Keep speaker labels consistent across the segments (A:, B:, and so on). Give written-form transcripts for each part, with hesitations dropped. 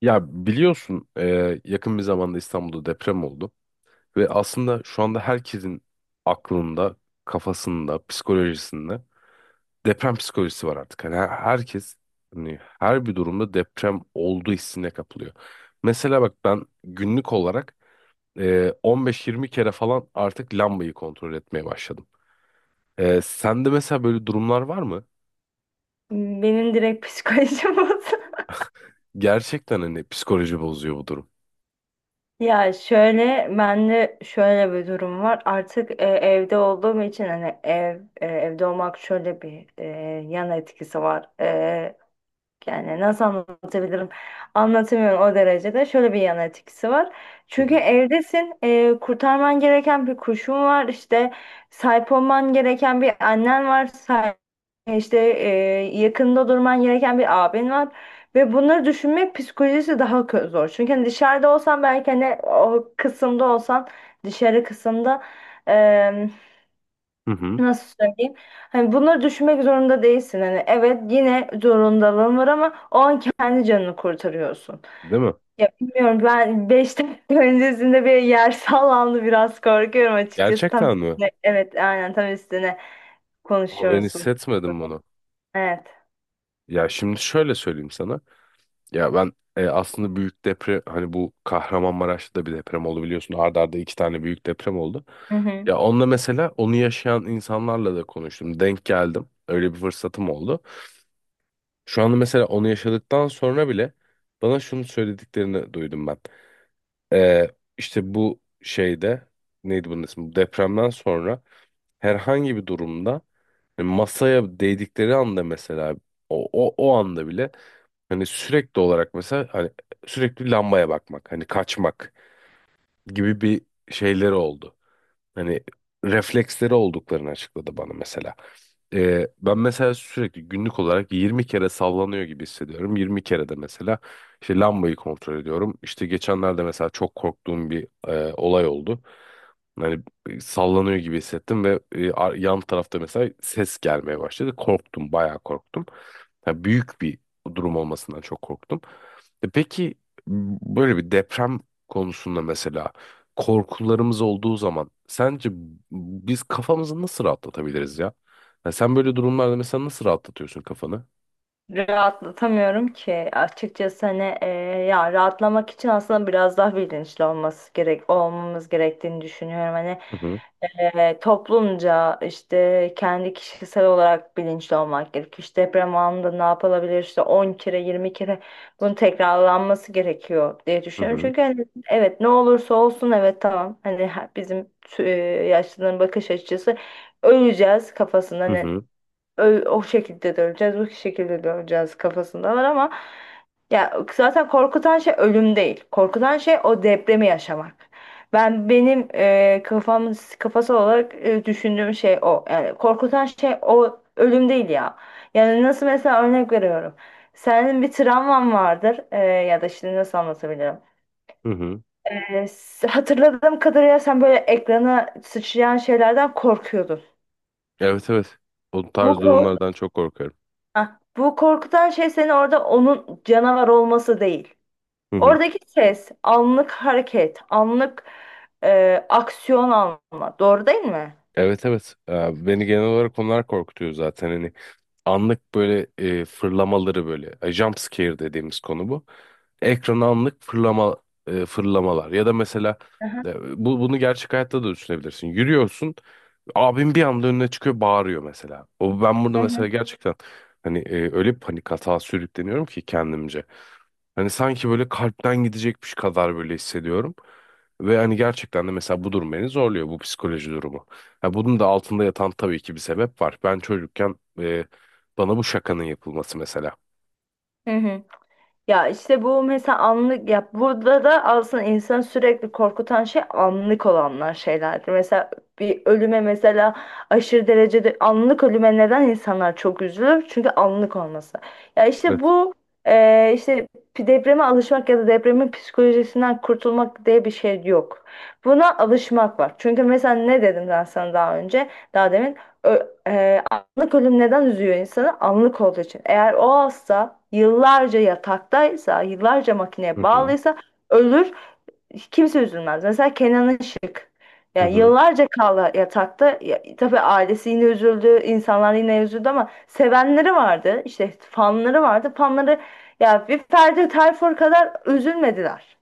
A: Ya biliyorsun yakın bir zamanda İstanbul'da deprem oldu ve aslında şu anda herkesin aklında, kafasında, psikolojisinde deprem psikolojisi var artık. Hani herkes hani her bir durumda deprem olduğu hissine kapılıyor. Mesela bak ben günlük olarak 15-20 kere falan artık lambayı kontrol etmeye başladım. Sende mesela böyle durumlar var mı?
B: Benim direkt psikolojim bozuldu.
A: Gerçekten hani psikoloji bozuyor bu durum.
B: Ya şöyle bende şöyle bir durum var. Artık evde olduğum için hani evde olmak şöyle bir yan etkisi var. Yani nasıl anlatabilirim? Anlatamıyorum o derecede. Şöyle bir yan etkisi var.
A: Hı
B: Çünkü
A: hı.
B: evdesin, kurtarman gereken bir kuşun var, işte sahip olman gereken bir annen var, işte yakında durman gereken bir abin var. Ve bunları düşünmek psikolojisi daha zor. Çünkü hani dışarıda olsan belki hani o kısımda olsan, dışarı kısımda.
A: Hı hı.
B: Nasıl söyleyeyim? Hani bunları düşünmek zorunda değilsin. Hani evet yine zorundalığın var ama o an kendi canını kurtarıyorsun.
A: Değil mi?
B: Ya bilmiyorum ben 5 dakika öncesinde bir yer sallandı, biraz korkuyorum açıkçası. Tam
A: Gerçekten mi?
B: evet, aynen tam üstüne
A: Ama ben
B: konuşuyoruz.
A: hissetmedim bunu.
B: Evet.
A: Ya şimdi şöyle söyleyeyim sana. Ya ben aslında büyük deprem, hani bu Kahramanmaraş'ta da bir deprem oldu biliyorsun. Arda arda iki tane büyük deprem oldu.
B: Hı hı.
A: Ya onunla mesela, onu yaşayan insanlarla da konuştum. Denk geldim. Öyle bir fırsatım oldu. Şu anda mesela onu yaşadıktan sonra bile bana şunu söylediklerini duydum ben. E, işte bu şeyde, neydi bunun ismi? Bu depremden sonra herhangi bir durumda masaya değdikleri anda mesela o anda bile hani sürekli olarak, mesela hani sürekli lambaya bakmak, hani kaçmak gibi bir şeyleri oldu. Hani refleksleri olduklarını açıkladı bana mesela. Ben mesela sürekli günlük olarak 20 kere sallanıyor gibi hissediyorum. 20 kere de mesela işte lambayı kontrol ediyorum. İşte geçenlerde mesela çok korktuğum bir olay oldu. Hani sallanıyor gibi hissettim ve yan tarafta mesela ses gelmeye başladı. Korktum, bayağı korktum. Yani büyük bir durum olmasından çok korktum. E peki böyle bir deprem konusunda mesela korkularımız olduğu zaman sence biz kafamızı nasıl rahatlatabiliriz ya? Ya sen böyle durumlarda mesela nasıl rahatlatıyorsun kafanı?
B: Rahatlatamıyorum ki açıkçası, hani ya rahatlamak için aslında biraz daha bilinçli olması gerek olmamız gerektiğini düşünüyorum. Hani
A: Hı hı,
B: toplumca, işte kendi kişisel olarak bilinçli olmak gerekiyor. İşte deprem anında ne yapılabilir, işte 10 kere 20 kere bunun tekrarlanması gerekiyor diye
A: hı
B: düşünüyorum.
A: hı,
B: Çünkü hani evet, ne olursa olsun, evet tamam, hani yaşlıların bakış açısı öleceğiz kafasında,
A: hı hı,
B: ö- o şekilde döneceğiz, bu şekilde döneceğiz kafasındalar, ama ya zaten korkutan şey ölüm değil. Korkutan şey o depremi yaşamak. Benim kafası olarak düşündüğüm şey o. Yani korkutan şey o ölüm değil ya. Yani nasıl, mesela örnek veriyorum. Senin bir travman vardır ya da, şimdi nasıl anlatabilirim?
A: hı hı.
B: Hatırladığım kadarıyla sen böyle ekrana sıçrayan şeylerden korkuyordun.
A: Evet, evet. O
B: Bu
A: tarz
B: korku
A: durumlardan çok korkarım.
B: Ha, bu korkutan şey senin orada onun canavar olması değil.
A: Hı hı.
B: Oradaki ses, anlık hareket, anlık aksiyon alma. Doğru değil mi?
A: Evet, evet. Beni genel olarak onlar korkutuyor zaten. Hani anlık böyle fırlamaları, böyle jump scare dediğimiz konu bu. Ekrana anlık fırlamalar, ya da mesela
B: Aha.
A: bunu gerçek hayatta da düşünebilirsin. Yürüyorsun, abim bir anda önüne çıkıyor, bağırıyor mesela. O ben
B: Hı
A: burada
B: hı.
A: mesela gerçekten hani öyle bir panik atağa sürükleniyorum ki kendimce. Hani sanki böyle kalpten gidecekmiş kadar böyle hissediyorum. Ve hani gerçekten de mesela bu durum beni zorluyor, bu psikoloji durumu. Ha, bunun da altında yatan tabii ki bir sebep var. Ben çocukken bana bu şakanın yapılması mesela.
B: Hı hı. Ya işte bu, mesela, anlık, ya burada da aslında insanı sürekli korkutan şey anlık olanlar, şeylerdir. Mesela bir ölüme, mesela aşırı derecede anlık ölüme, neden insanlar çok üzülür? Çünkü anlık olması. Ya işte
A: Evet.
B: bu işte depreme alışmak ya da depremin psikolojisinden kurtulmak diye bir şey yok. Buna alışmak var. Çünkü mesela ne dedim ben sana daha önce, daha demin? Ö- e, Anlık ölüm neden üzüyor insanı? Anlık olduğu için. Eğer o hasta yıllarca yataktaysa, yıllarca makineye
A: Hı hı.
B: bağlıysa ölür, kimse üzülmez. Mesela Kenan Işık.
A: Hı
B: Yani
A: hı.
B: yıllarca kaldı yatakta. Ya, tabii ailesi yine üzüldü, insanlar yine üzüldü ama sevenleri vardı, işte fanları vardı. Fanları ya bir Ferdi Tayfur kadar üzülmediler.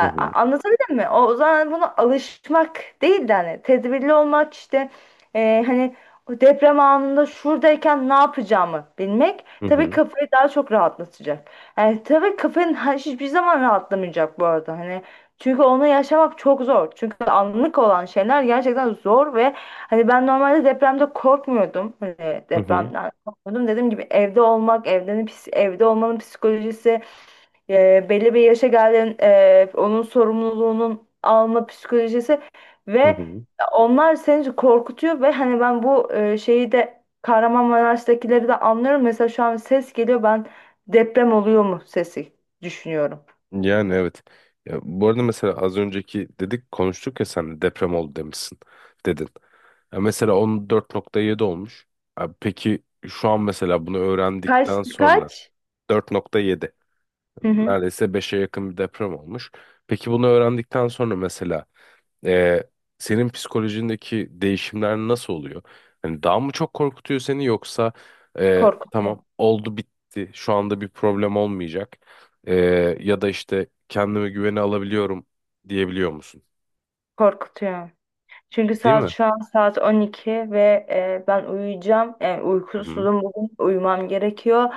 A: Hı hı.
B: anlatabildim mi? O zaman buna alışmak değil de hani tedbirli olmak, işte hani o deprem anında şuradayken ne yapacağımı bilmek,
A: Hı
B: tabii
A: hı.
B: kafayı daha çok rahatlatacak. Yani tabii kafanın hiçbir zaman rahatlamayacak bu arada. Hani çünkü onu yaşamak çok zor. Çünkü anlık olan şeyler gerçekten zor ve hani ben normalde depremde korkmuyordum. Hani
A: Hı hı.
B: depremden korkmuyordum. Dediğim gibi, evde olmak, evde olmanın psikolojisi, belli bir yaşa geldiğin, onun sorumluluğunun alma psikolojisi
A: Hı
B: ve
A: hı.
B: onlar seni korkutuyor ve hani ben bu şeyi de, Kahramanmaraş'takileri de anlıyorum. Mesela şu an ses geliyor, ben deprem oluyor mu sesi düşünüyorum.
A: Yani evet. Ya, bu arada mesela az önceki dedik, konuştuk ya, sen deprem oldu demişsin, dedin. Ya mesela 14,7 olmuş. Abi peki şu an mesela bunu
B: Kaç
A: öğrendikten sonra
B: Kaç?
A: 4,7,
B: Hı hı.
A: neredeyse beşe yakın bir deprem olmuş. Peki bunu öğrendikten sonra mesela ee, senin psikolojindeki değişimler nasıl oluyor? Hani daha mı çok korkutuyor seni, yoksa
B: Korkutuyor.
A: tamam, oldu bitti, şu anda bir problem olmayacak? Ee, Ya da işte kendime güveni alabiliyorum diyebiliyor musun?
B: Korkutuyor. Çünkü
A: Değil
B: saat
A: mi?
B: şu an saat 12 ve ben uyuyacağım. E,
A: Hı hı.
B: uykusuzum bugün. Uyumam gerekiyor.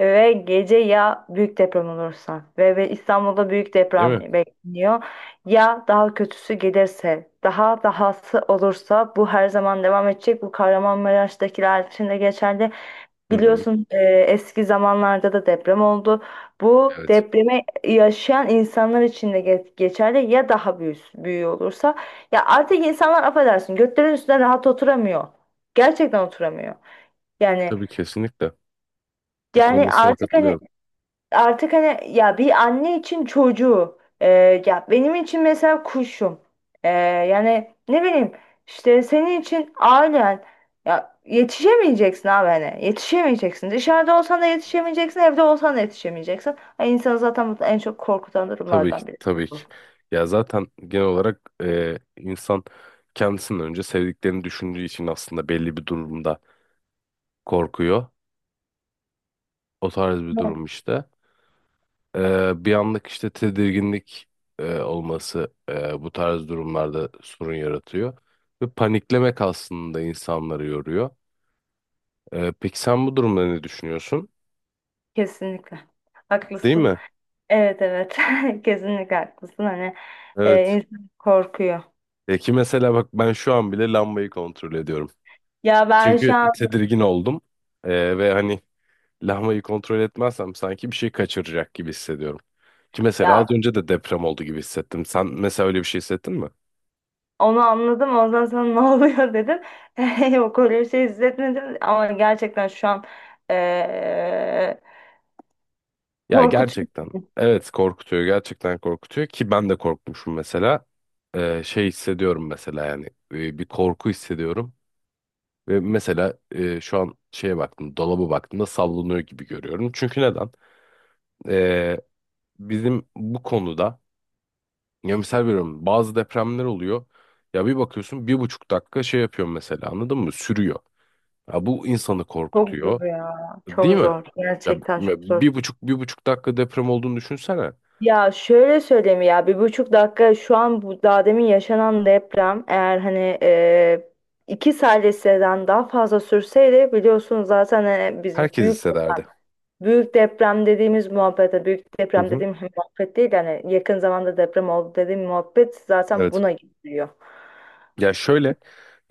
B: Ve gece ya büyük deprem olursa ve, İstanbul'da büyük
A: Değil
B: deprem
A: mi?
B: bekleniyor. Ya daha kötüsü gelirse, daha dahası olursa bu her zaman devam edecek. Bu Kahramanmaraş'takiler için de geçerli.
A: Hı hı.
B: Biliyorsun eski zamanlarda da deprem oldu. Bu
A: Evet.
B: depremi yaşayan insanlar için de geçerli, ya daha büyük, büyüğü olursa. Ya artık insanlar, affedersin, götlerin üstüne rahat oturamıyor. Gerçekten oturamıyor. Yani,
A: Tabii, kesinlikle. Bu konuda
B: yani
A: sana
B: artık hani
A: katılıyorum.
B: artık hani ya bir anne için çocuğu, ya benim için mesela kuşum, E,
A: Hı hı.
B: yani ne bileyim, işte senin için ailen, ya yetişemeyeceksin abi, hani yetişemeyeceksin, dışarıda olsan da
A: Evet.
B: yetişemeyeceksin, evde olsan da yetişemeyeceksin. Ay, insanı zaten bu en çok korkutan
A: Tabii ki,
B: durumlardan biri.
A: tabii ki. Ya zaten genel olarak insan kendisinden önce sevdiklerini düşündüğü için aslında belli bir durumda korkuyor. O tarz bir
B: Evet.
A: durum işte. Bir anlık işte tedirginlik olması bu tarz durumlarda sorun yaratıyor. Ve paniklemek aslında insanları yoruyor. Peki sen bu durumda ne düşünüyorsun?
B: Kesinlikle
A: Değil
B: haklısın,
A: mi?
B: evet evet, kesinlikle haklısın, hani
A: Evet.
B: insan korkuyor,
A: E ki mesela bak, ben şu an bile lambayı kontrol ediyorum.
B: ya ben şu
A: Çünkü
B: an,
A: tedirgin oldum. Ve hani lambayı kontrol etmezsem sanki bir şey kaçıracak gibi hissediyorum. Ki mesela
B: ya.
A: az önce de deprem oldu gibi hissettim. Sen mesela öyle bir şey hissettin mi?
B: Onu anladım. Ondan sonra ne oluyor dedim. Yok, öyle bir şey hissetmedim. Ama gerçekten şu an eee
A: Ya,
B: korkutucu.
A: gerçekten evet, korkutuyor, gerçekten korkutuyor, ki ben de korkmuşum mesela. Şey hissediyorum mesela, yani bir korku hissediyorum ve mesela şu an şeye baktım, dolaba baktığımda sallanıyor gibi görüyorum. Çünkü neden? Ee, Bizim bu konuda, ya misal veriyorum, bazı depremler oluyor, ya bir bakıyorsun 1,5 dakika şey yapıyor mesela, anladın mı, sürüyor. Ya bu insanı
B: Çok
A: korkutuyor,
B: zor ya.
A: değil
B: Çok
A: mi?
B: zor.
A: Ya
B: Gerçekten çok zor.
A: bir buçuk bir buçuk dakika deprem olduğunu düşünsene,
B: Ya şöyle söyleyeyim, ya 1,5 dakika, şu an bu daha demin yaşanan deprem eğer hani 2 saniyeden daha fazla sürseydi, biliyorsunuz zaten biz
A: herkes
B: büyük deprem.
A: hissederdi.
B: Büyük deprem dediğimiz muhabbete, büyük
A: Hı
B: deprem
A: hı,
B: dediğim muhabbet değil, yani yakın zamanda deprem oldu dediğim muhabbet zaten
A: evet.
B: buna gidiyor.
A: Ya şöyle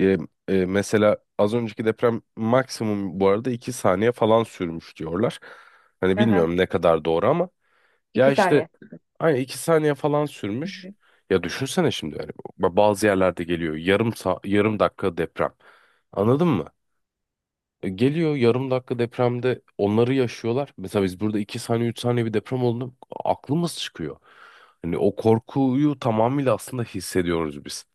A: e, mesela az önceki deprem maksimum bu arada 2 saniye falan sürmüş diyorlar. Hani
B: Hı hı.
A: bilmiyorum ne kadar doğru, ama ya
B: İki
A: işte
B: saniye.
A: aynı, 2 saniye falan
B: Hı
A: sürmüş.
B: hı.
A: Ya düşünsene şimdi yani, bazı yerlerde geliyor yarım yarım dakika deprem. Anladın mı? Geliyor yarım dakika depremde, onları yaşıyorlar. Mesela biz burada 2 saniye 3 saniye bir deprem olduğunda aklımız çıkıyor. Hani o korkuyu tamamıyla aslında hissediyoruz biz.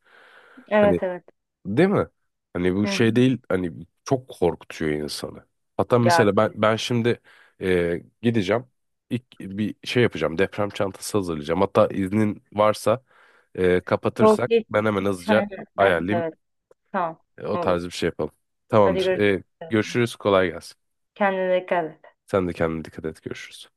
A: Hani,
B: Evet evet.
A: değil mi? Hani bu
B: Hı hı.
A: şey değil, hani çok korkutuyor insanı. Hatta
B: Ya
A: mesela ben şimdi gideceğim, ilk bir şey yapacağım, deprem çantası hazırlayacağım. Hatta iznin varsa
B: çok
A: kapatırsak,
B: geç.
A: ben hemen
B: Geç. Hı hı.
A: hızlıca
B: Evet
A: ayarlayayım.
B: evet. Tamam.
A: O
B: Olur.
A: tarz bir şey yapalım.
B: Hadi
A: Tamamdır.
B: görüşürüz.
A: Görüşürüz, kolay gelsin.
B: Kendine dikkat et.
A: Sen de kendine dikkat et, görüşürüz.